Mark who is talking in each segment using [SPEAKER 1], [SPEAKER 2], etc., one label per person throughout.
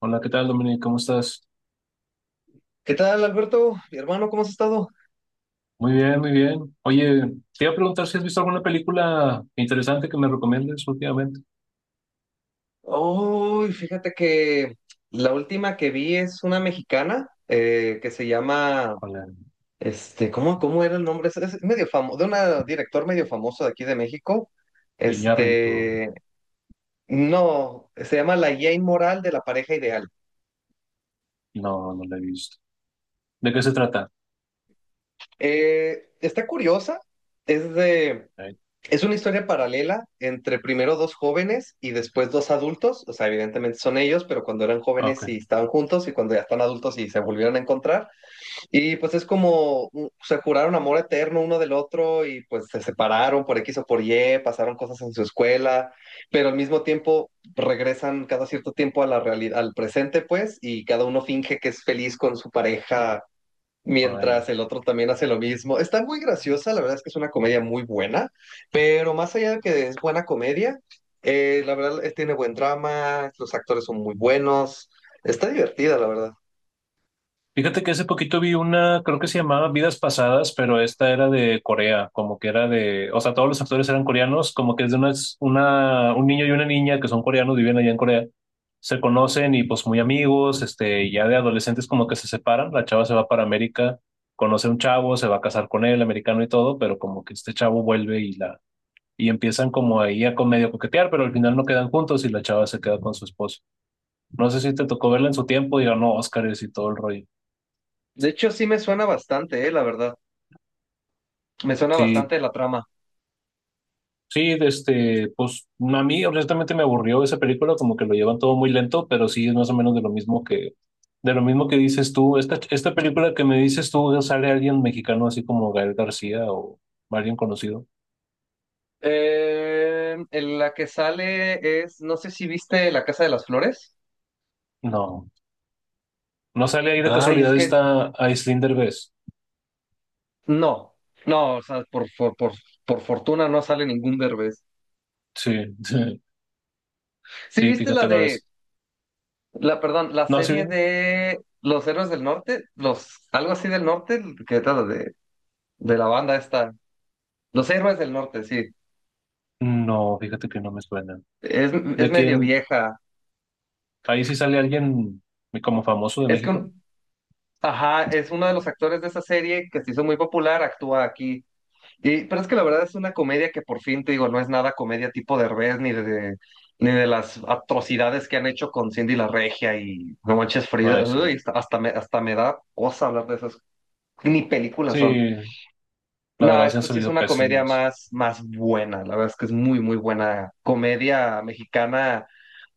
[SPEAKER 1] Hola, ¿qué tal, Dominic? ¿Cómo estás?
[SPEAKER 2] ¿Qué tal, Alberto? Mi hermano, ¿cómo has estado?
[SPEAKER 1] Muy bien, muy bien. Oye, te iba a preguntar si has visto alguna película interesante que me recomiendes últimamente.
[SPEAKER 2] Uy, fíjate que la última que vi es una mexicana que se llama,
[SPEAKER 1] Con el
[SPEAKER 2] ¿cómo, era el nombre? Es medio famoso, de una director medio famoso de aquí de México.
[SPEAKER 1] Iñárritu.
[SPEAKER 2] Este, no, se llama La Jane Moral de la pareja ideal.
[SPEAKER 1] No, no la he visto. ¿De qué se trata?
[SPEAKER 2] Está curiosa, es de,
[SPEAKER 1] Eh,
[SPEAKER 2] es una historia paralela entre primero dos jóvenes y después dos adultos, o sea, evidentemente son ellos, pero cuando eran
[SPEAKER 1] Ok.
[SPEAKER 2] jóvenes y estaban juntos y cuando ya están adultos y se volvieron a encontrar. Y pues es como se juraron amor eterno uno del otro y pues se separaron por X o por Y, pasaron cosas en su escuela, pero al mismo tiempo regresan cada cierto tiempo a la realidad, al presente pues, y cada uno finge que es feliz con su pareja
[SPEAKER 1] Ah, ya.
[SPEAKER 2] mientras el otro también hace lo mismo. Está muy graciosa, la verdad es que es una comedia muy buena, pero más allá de que es buena comedia, la verdad tiene buen drama, los actores son muy buenos, está divertida, la verdad.
[SPEAKER 1] Fíjate que hace poquito vi una, creo que se llamaba Vidas Pasadas, pero esta era de Corea, como que era de, o sea, todos los actores eran coreanos, como que es de una, un niño y una niña que son coreanos, viven allá en Corea, se conocen y pues muy amigos, este, ya de adolescentes como que se separan, la chava se va para América, conoce a un chavo, se va a casar con él, americano y todo, pero como que este chavo vuelve y empiezan como ahí a con medio coquetear, pero al final no quedan juntos y la chava se queda con su esposo. No sé si te tocó verla en su tiempo y ganó Óscares y todo el rollo.
[SPEAKER 2] De hecho, sí me suena bastante, la verdad. Me suena
[SPEAKER 1] Sí,
[SPEAKER 2] bastante la trama.
[SPEAKER 1] sí, este, pues a mí honestamente me aburrió esa película, como que lo llevan todo muy lento, pero sí es más o menos de lo de lo mismo que dices tú. Esta película que me dices tú, ¿sale alguien mexicano así como Gael García o alguien conocido?
[SPEAKER 2] En la que sale es, no sé si viste La Casa de las Flores.
[SPEAKER 1] No, no sale ahí de
[SPEAKER 2] Ay, es
[SPEAKER 1] casualidad
[SPEAKER 2] que
[SPEAKER 1] esta Aislinn Derbez.
[SPEAKER 2] no, no, o sea, por fortuna no sale ningún Derbez.
[SPEAKER 1] Sí, sí,
[SPEAKER 2] Sí,
[SPEAKER 1] sí,
[SPEAKER 2] viste la
[SPEAKER 1] fíjate la
[SPEAKER 2] de
[SPEAKER 1] vez.
[SPEAKER 2] Perdón, la
[SPEAKER 1] No, sí,
[SPEAKER 2] serie
[SPEAKER 1] dime.
[SPEAKER 2] de Los Héroes del Norte, los, algo así del norte, de la banda esta. Los Héroes del Norte, sí.
[SPEAKER 1] No, fíjate que no me suena.
[SPEAKER 2] Es,
[SPEAKER 1] ¿De
[SPEAKER 2] es medio
[SPEAKER 1] quién?
[SPEAKER 2] vieja.
[SPEAKER 1] Ahí sí sale alguien como famoso de
[SPEAKER 2] Es
[SPEAKER 1] México.
[SPEAKER 2] con, ajá, es uno de los actores de esa serie que se hizo muy popular, actúa aquí. Y, pero es que la verdad es una comedia que por fin, te digo, no es nada comedia tipo Derbez ni de las atrocidades que han hecho con Cindy la Regia y No Manches
[SPEAKER 1] Ay,
[SPEAKER 2] Frida.
[SPEAKER 1] sí.
[SPEAKER 2] Uy, hasta me da cosa hablar de esas. Ni películas
[SPEAKER 1] Sí,
[SPEAKER 2] son.
[SPEAKER 1] la
[SPEAKER 2] No,
[SPEAKER 1] verdad se han
[SPEAKER 2] esta sí es
[SPEAKER 1] salido
[SPEAKER 2] una comedia
[SPEAKER 1] pésimos.
[SPEAKER 2] más, más buena. La verdad es que es muy, muy buena comedia mexicana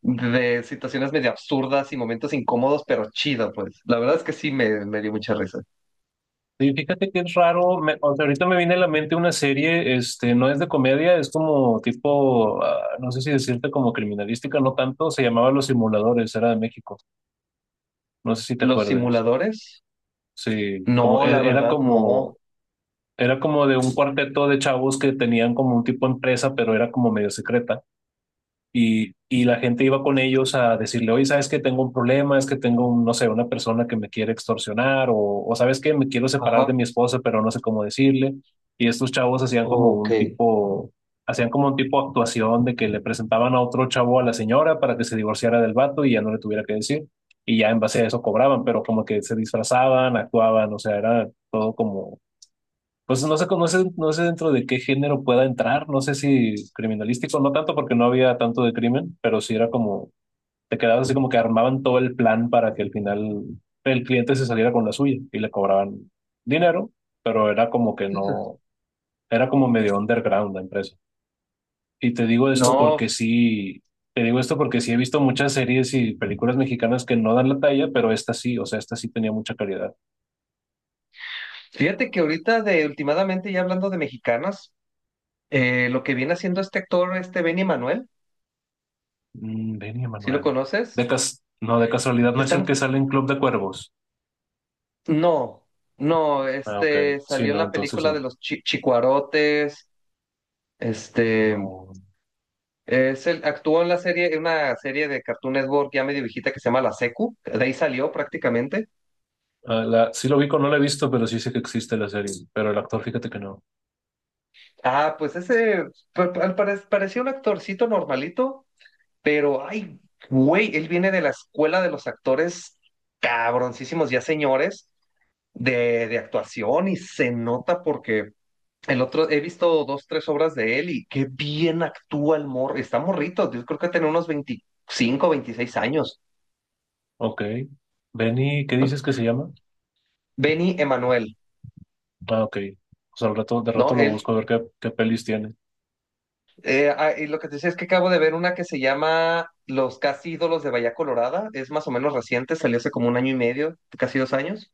[SPEAKER 2] de situaciones medio absurdas y momentos incómodos, pero chido, pues. La verdad es que me dio mucha risa.
[SPEAKER 1] Sí, fíjate que es raro, o sea, ahorita me viene a la mente una serie, este, no es de comedia, es como tipo, ah, no sé si decirte como criminalística, no tanto, se llamaba Los Simuladores, era de México, no sé si te
[SPEAKER 2] ¿Los
[SPEAKER 1] acuerdes,
[SPEAKER 2] simuladores?
[SPEAKER 1] sí,
[SPEAKER 2] No, la verdad, no.
[SPEAKER 1] era como de un cuarteto de chavos que tenían como un tipo empresa, pero era como medio secreta. Y la gente iba con ellos a decirle, oye, ¿sabes que Tengo un problema, es que tengo, un, no sé, una persona que me quiere extorsionar, o ¿sabes que Me quiero separar de
[SPEAKER 2] Ajá.
[SPEAKER 1] mi esposa, pero no sé cómo decirle. Y estos chavos hacían como
[SPEAKER 2] Ok.
[SPEAKER 1] un tipo, hacían como un tipo de actuación de que le presentaban a otro chavo a la señora para que se divorciara del vato y ya no le tuviera que decir. Y ya en base a eso cobraban, pero como que se disfrazaban, actuaban, o sea, era todo como pues no sé, no sé dentro de qué género pueda entrar, no sé si criminalístico, no tanto porque no había tanto de crimen, pero sí era como, te quedabas así como que armaban todo el plan para que al final el cliente se saliera con la suya y le cobraban dinero, pero era como que no, era como medio underground la empresa. Y te digo esto
[SPEAKER 2] No,
[SPEAKER 1] porque sí, te digo esto porque sí he visto muchas series y películas mexicanas que no dan la talla, pero esta sí, o sea, esta sí tenía mucha calidad.
[SPEAKER 2] fíjate que ahorita de últimamente ya hablando de mexicanas, lo que viene haciendo este actor, este Benny Manuel,
[SPEAKER 1] Mm, Benny
[SPEAKER 2] ¿si lo
[SPEAKER 1] Manuel.
[SPEAKER 2] conoces?
[SPEAKER 1] De cas no, de casualidad no es
[SPEAKER 2] Está
[SPEAKER 1] el que sale en Club de Cuervos.
[SPEAKER 2] no, no,
[SPEAKER 1] Ah, ok.
[SPEAKER 2] este
[SPEAKER 1] Sí,
[SPEAKER 2] salió en
[SPEAKER 1] no,
[SPEAKER 2] la
[SPEAKER 1] entonces
[SPEAKER 2] película de
[SPEAKER 1] no.
[SPEAKER 2] los Chicuarotes, este
[SPEAKER 1] No.
[SPEAKER 2] es el actuó en la serie, en una serie de Cartoon Network ya medio viejita que se llama La Secu, de ahí salió prácticamente.
[SPEAKER 1] Ah, la, sí lo ubico, no la he visto, pero sí sé que existe la serie. Pero el actor, fíjate que no.
[SPEAKER 2] Ah, pues ese parecía un actorcito normalito, pero ay, güey, él viene de la escuela de los actores cabroncísimos ya señores de actuación y se nota porque el otro, he visto dos, tres obras de él y qué bien actúa el morro. Está morrito, yo creo que tiene unos 25 o 26 años.
[SPEAKER 1] Ok. Benny, ¿qué
[SPEAKER 2] ¿No?
[SPEAKER 1] dices que se llama?
[SPEAKER 2] Benny Emanuel,
[SPEAKER 1] Ah, ok. O sea, al rato, de rato
[SPEAKER 2] ¿no?
[SPEAKER 1] lo
[SPEAKER 2] Él,
[SPEAKER 1] busco a ver qué, qué pelis tiene.
[SPEAKER 2] y lo que te decía es que acabo de ver una que se llama Los Casi Ídolos de Bahía Colorada, es más o menos reciente, salió hace como 1 año y medio, casi 2 años.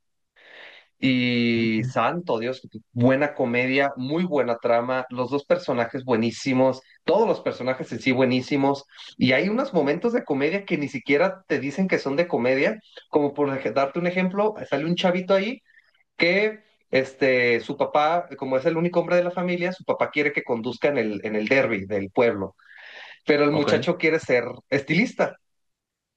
[SPEAKER 1] Mm,
[SPEAKER 2] Y
[SPEAKER 1] mm.
[SPEAKER 2] santo Dios, buena comedia, muy buena trama, los dos personajes buenísimos, todos los personajes en sí buenísimos, y hay unos momentos de comedia que ni siquiera te dicen que son de comedia, como por darte un ejemplo, sale un chavito ahí que su papá, como es el único hombre de la familia, su papá quiere que conduzca en el derby del pueblo, pero el
[SPEAKER 1] Ok,
[SPEAKER 2] muchacho quiere ser estilista.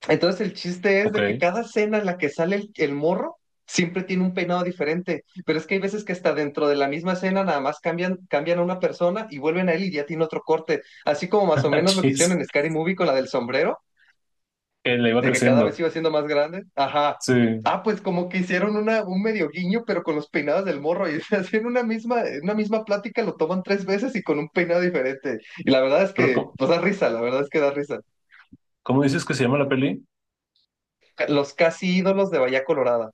[SPEAKER 2] Entonces el chiste es
[SPEAKER 1] ok.
[SPEAKER 2] de que cada escena en la que sale el morro siempre tiene un peinado diferente, pero es que hay veces que hasta dentro de la misma escena nada más cambian, cambian a una persona y vuelven a él y ya tiene otro corte, así como más o menos lo que hicieron
[SPEAKER 1] Chis.
[SPEAKER 2] en Scary Movie con la del sombrero,
[SPEAKER 1] Que le iba
[SPEAKER 2] de que cada vez
[SPEAKER 1] creciendo.
[SPEAKER 2] iba siendo más grande. Ajá.
[SPEAKER 1] Sí.
[SPEAKER 2] Ah, pues como que hicieron un medio guiño, pero con los peinados del morro, y así en una misma plática lo toman 3 veces y con un peinado diferente. Y la verdad es
[SPEAKER 1] Pero,
[SPEAKER 2] que,
[SPEAKER 1] ¿cómo,
[SPEAKER 2] pues da risa, la verdad es que da risa.
[SPEAKER 1] cómo dices que se llama la peli?
[SPEAKER 2] Los casi ídolos de Bahía Colorada.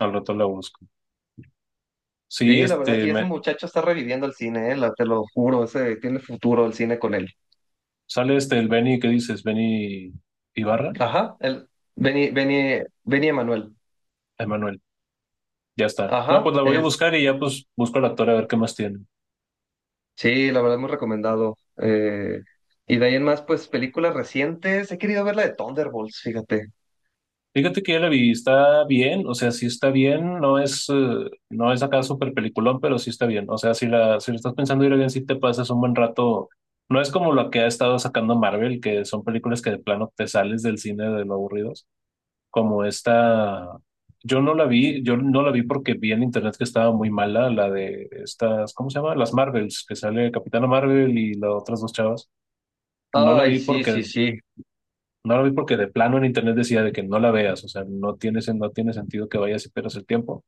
[SPEAKER 1] Al rato la busco. Sí,
[SPEAKER 2] Sí, la verdad,
[SPEAKER 1] este,
[SPEAKER 2] y ese
[SPEAKER 1] me,
[SPEAKER 2] muchacho está reviviendo el cine, te lo juro, ese tiene futuro el cine con él.
[SPEAKER 1] sale este, el Benny, ¿qué dices? Benny Ibarra.
[SPEAKER 2] Ajá, el Benny Emanuel.
[SPEAKER 1] Emanuel, ya está. No, pues
[SPEAKER 2] Ajá,
[SPEAKER 1] la voy a
[SPEAKER 2] es,
[SPEAKER 1] buscar y ya pues busco al actor a ver qué más tiene.
[SPEAKER 2] sí, la verdad, muy recomendado. Y de ahí en más, pues películas recientes, he querido ver la de Thunderbolts, fíjate.
[SPEAKER 1] Fíjate que ya la vi, está bien, o sea, sí está bien, no es, no es acá súper peliculón, pero sí está bien. O sea, si la estás pensando ir a bien, sí te pasas un buen rato. No es como lo que ha estado sacando Marvel, que son películas que de plano te sales del cine de lo aburridos, como esta. Yo no la vi, yo no la vi porque vi en internet que estaba muy mala, la de estas, ¿cómo se llama? Las Marvels, que sale Capitana Marvel y las otras dos chavas. No la
[SPEAKER 2] Ay,
[SPEAKER 1] vi
[SPEAKER 2] sí, sí,
[SPEAKER 1] porque
[SPEAKER 2] sí.
[SPEAKER 1] No la vi porque de plano en internet decía de que no la veas, o sea, no tiene, no tiene sentido que vayas y pierdas el tiempo.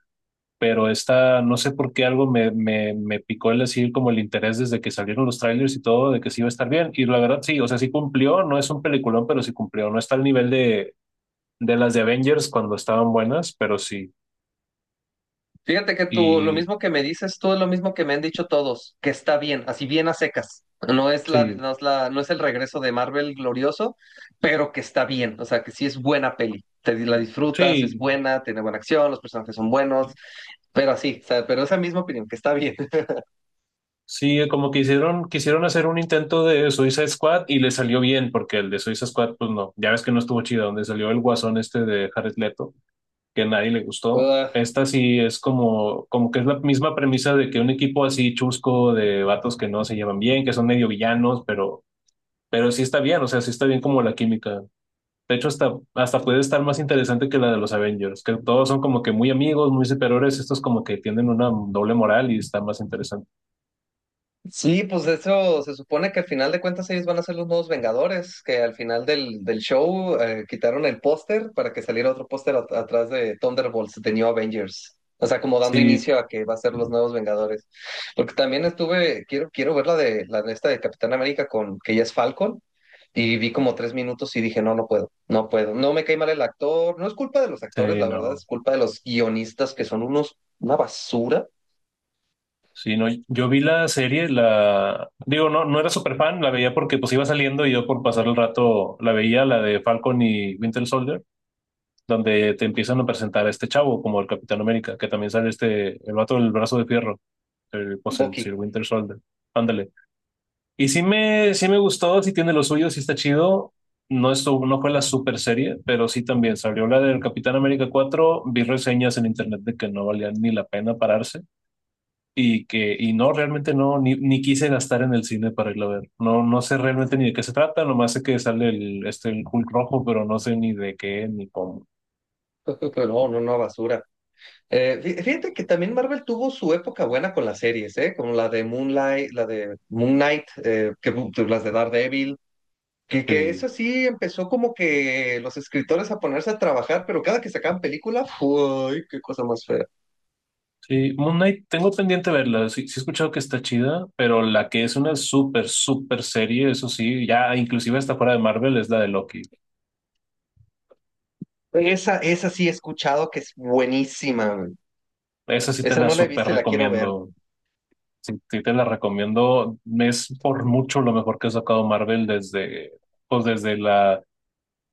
[SPEAKER 1] Pero esta, no sé por qué algo me picó el decir como el interés desde que salieron los trailers y todo, de que sí iba a estar bien. Y la verdad sí, o sea, sí cumplió, no es un peliculón, pero sí cumplió. No está al nivel de las de Avengers cuando estaban buenas, pero sí.
[SPEAKER 2] Fíjate que tú, lo
[SPEAKER 1] Y
[SPEAKER 2] mismo que me dices tú es lo mismo que me han dicho todos, que está bien, así bien a secas.
[SPEAKER 1] sí,
[SPEAKER 2] No es el regreso de Marvel glorioso, pero que está bien, o sea, que sí es buena peli. Te la disfrutas, es
[SPEAKER 1] sí,
[SPEAKER 2] buena, tiene buena acción, los personajes son buenos, pero así, o sea, pero esa misma opinión, que está bien.
[SPEAKER 1] sí, como que hicieron, quisieron hacer un intento de Suicide Squad y le salió bien, porque el de Suicide Squad, pues no, ya ves que no estuvo chido, donde salió el guasón este de Jared Leto que a nadie le gustó. Esta sí es como, como que es la misma premisa de que un equipo así chusco de vatos que no se llevan bien, que son medio villanos, pero sí está bien, o sea, sí está bien como la química. De hecho, hasta, hasta puede estar más interesante que la de los Avengers, que todos son como que muy amigos, muy superiores, estos como que tienen una doble moral y está más interesante.
[SPEAKER 2] Sí, pues de hecho se supone que al final de cuentas ellos van a ser los nuevos Vengadores, que al final del show quitaron el póster para que saliera otro póster atrás de Thunderbolts, de New Avengers. O sea, como dando
[SPEAKER 1] Sí,
[SPEAKER 2] inicio a que va a ser los nuevos Vengadores. Porque también estuve, quiero, quiero ver la de esta de Capitán América con que ya es Falcon. Y vi como 3 minutos y dije, no, no puedo, no puedo. No me cae mal el actor. No es culpa de los actores,
[SPEAKER 1] sí,
[SPEAKER 2] la verdad,
[SPEAKER 1] no.
[SPEAKER 2] es culpa de los guionistas que son unos, una basura.
[SPEAKER 1] Sí, no, yo vi la serie, la digo, no, no era súper fan, la veía porque pues iba saliendo y yo por pasar el rato la veía, la de Falcon y Winter Soldier donde te empiezan a presentar a este chavo como el Capitán América, que también sale este, el vato del brazo de fierro, el, pues el Sir
[SPEAKER 2] Bucky.
[SPEAKER 1] Winter Soldier. Ándale. Y sí me gustó, sí tiene lo suyo, sí está chido. No, estuvo, no fue la super serie, pero sí también salió la del Capitán América 4. Vi reseñas en internet de que no valía ni la pena pararse y que y no, realmente no, ni quise gastar en el cine para irlo a ver. No, no sé realmente ni de qué se trata, nomás sé que sale el, este, el Hulk rojo, pero no sé ni de qué ni cómo.
[SPEAKER 2] No, no, no, basura. Fíjate que también Marvel tuvo su época buena con las series, ¿eh? Como la de Moonlight, la de Moon Knight, las de Daredevil, que
[SPEAKER 1] Sí.
[SPEAKER 2] eso sí empezó como que los escritores a ponerse a trabajar, pero cada que sacaban película, ¡ay, qué cosa más fea!
[SPEAKER 1] Sí, Moon Knight, tengo pendiente verla. Sí, sí he escuchado que está chida, pero la que es una súper, súper serie, eso sí, ya inclusive está fuera de Marvel, es la de Loki.
[SPEAKER 2] Esa sí he escuchado que es buenísima, güey.
[SPEAKER 1] Esa sí te
[SPEAKER 2] Esa
[SPEAKER 1] la
[SPEAKER 2] no la he
[SPEAKER 1] súper
[SPEAKER 2] visto y la quiero ver.
[SPEAKER 1] recomiendo. Sí, sí te la recomiendo. Es por mucho lo mejor que ha sacado Marvel desde, pues desde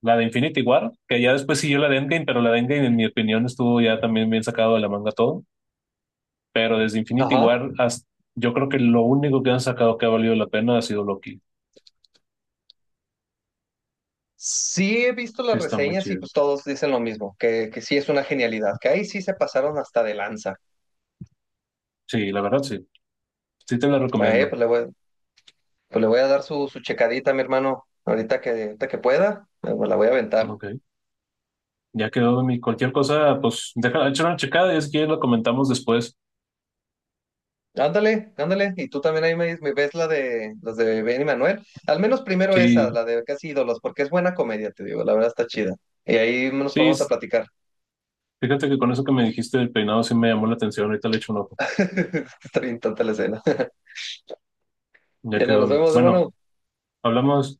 [SPEAKER 1] la de Infinity War, que ya después siguió la de Endgame, pero la de Endgame, en mi opinión, estuvo ya también bien sacado de la manga todo. Pero desde Infinity
[SPEAKER 2] Ajá.
[SPEAKER 1] War, hasta, yo creo que lo único que han sacado que ha valido la pena ha sido Loki.
[SPEAKER 2] Sí he visto
[SPEAKER 1] Sí,
[SPEAKER 2] las
[SPEAKER 1] está muy
[SPEAKER 2] reseñas y
[SPEAKER 1] chido.
[SPEAKER 2] pues todos dicen lo mismo, que sí es una genialidad, que ahí sí se pasaron hasta de lanza.
[SPEAKER 1] Sí, la verdad, sí. Sí te la
[SPEAKER 2] Eh,
[SPEAKER 1] recomiendo.
[SPEAKER 2] pues le voy, Pues le voy a dar su, su checadita, mi hermano, ahorita que pueda, me la voy a aventar.
[SPEAKER 1] Ok, ya quedó de mí. Cualquier cosa, pues déjala, échale una checada y si quieres lo comentamos después.
[SPEAKER 2] Ándale, ándale, y tú también ahí me ves la de las de Ben y Manuel. Al menos primero esa,
[SPEAKER 1] Sí,
[SPEAKER 2] la de Casi Ídolos, porque es buena comedia, te digo, la verdad está chida. Y ahí nos
[SPEAKER 1] sí,
[SPEAKER 2] ponemos a platicar.
[SPEAKER 1] fíjate que con eso que me dijiste del peinado sí me llamó la atención. Ahorita le echo un ojo.
[SPEAKER 2] Está bien tonta la escena.
[SPEAKER 1] Ya
[SPEAKER 2] Ya no,
[SPEAKER 1] quedó de
[SPEAKER 2] nos
[SPEAKER 1] mí.
[SPEAKER 2] vemos,
[SPEAKER 1] Bueno,
[SPEAKER 2] hermano.
[SPEAKER 1] hablamos.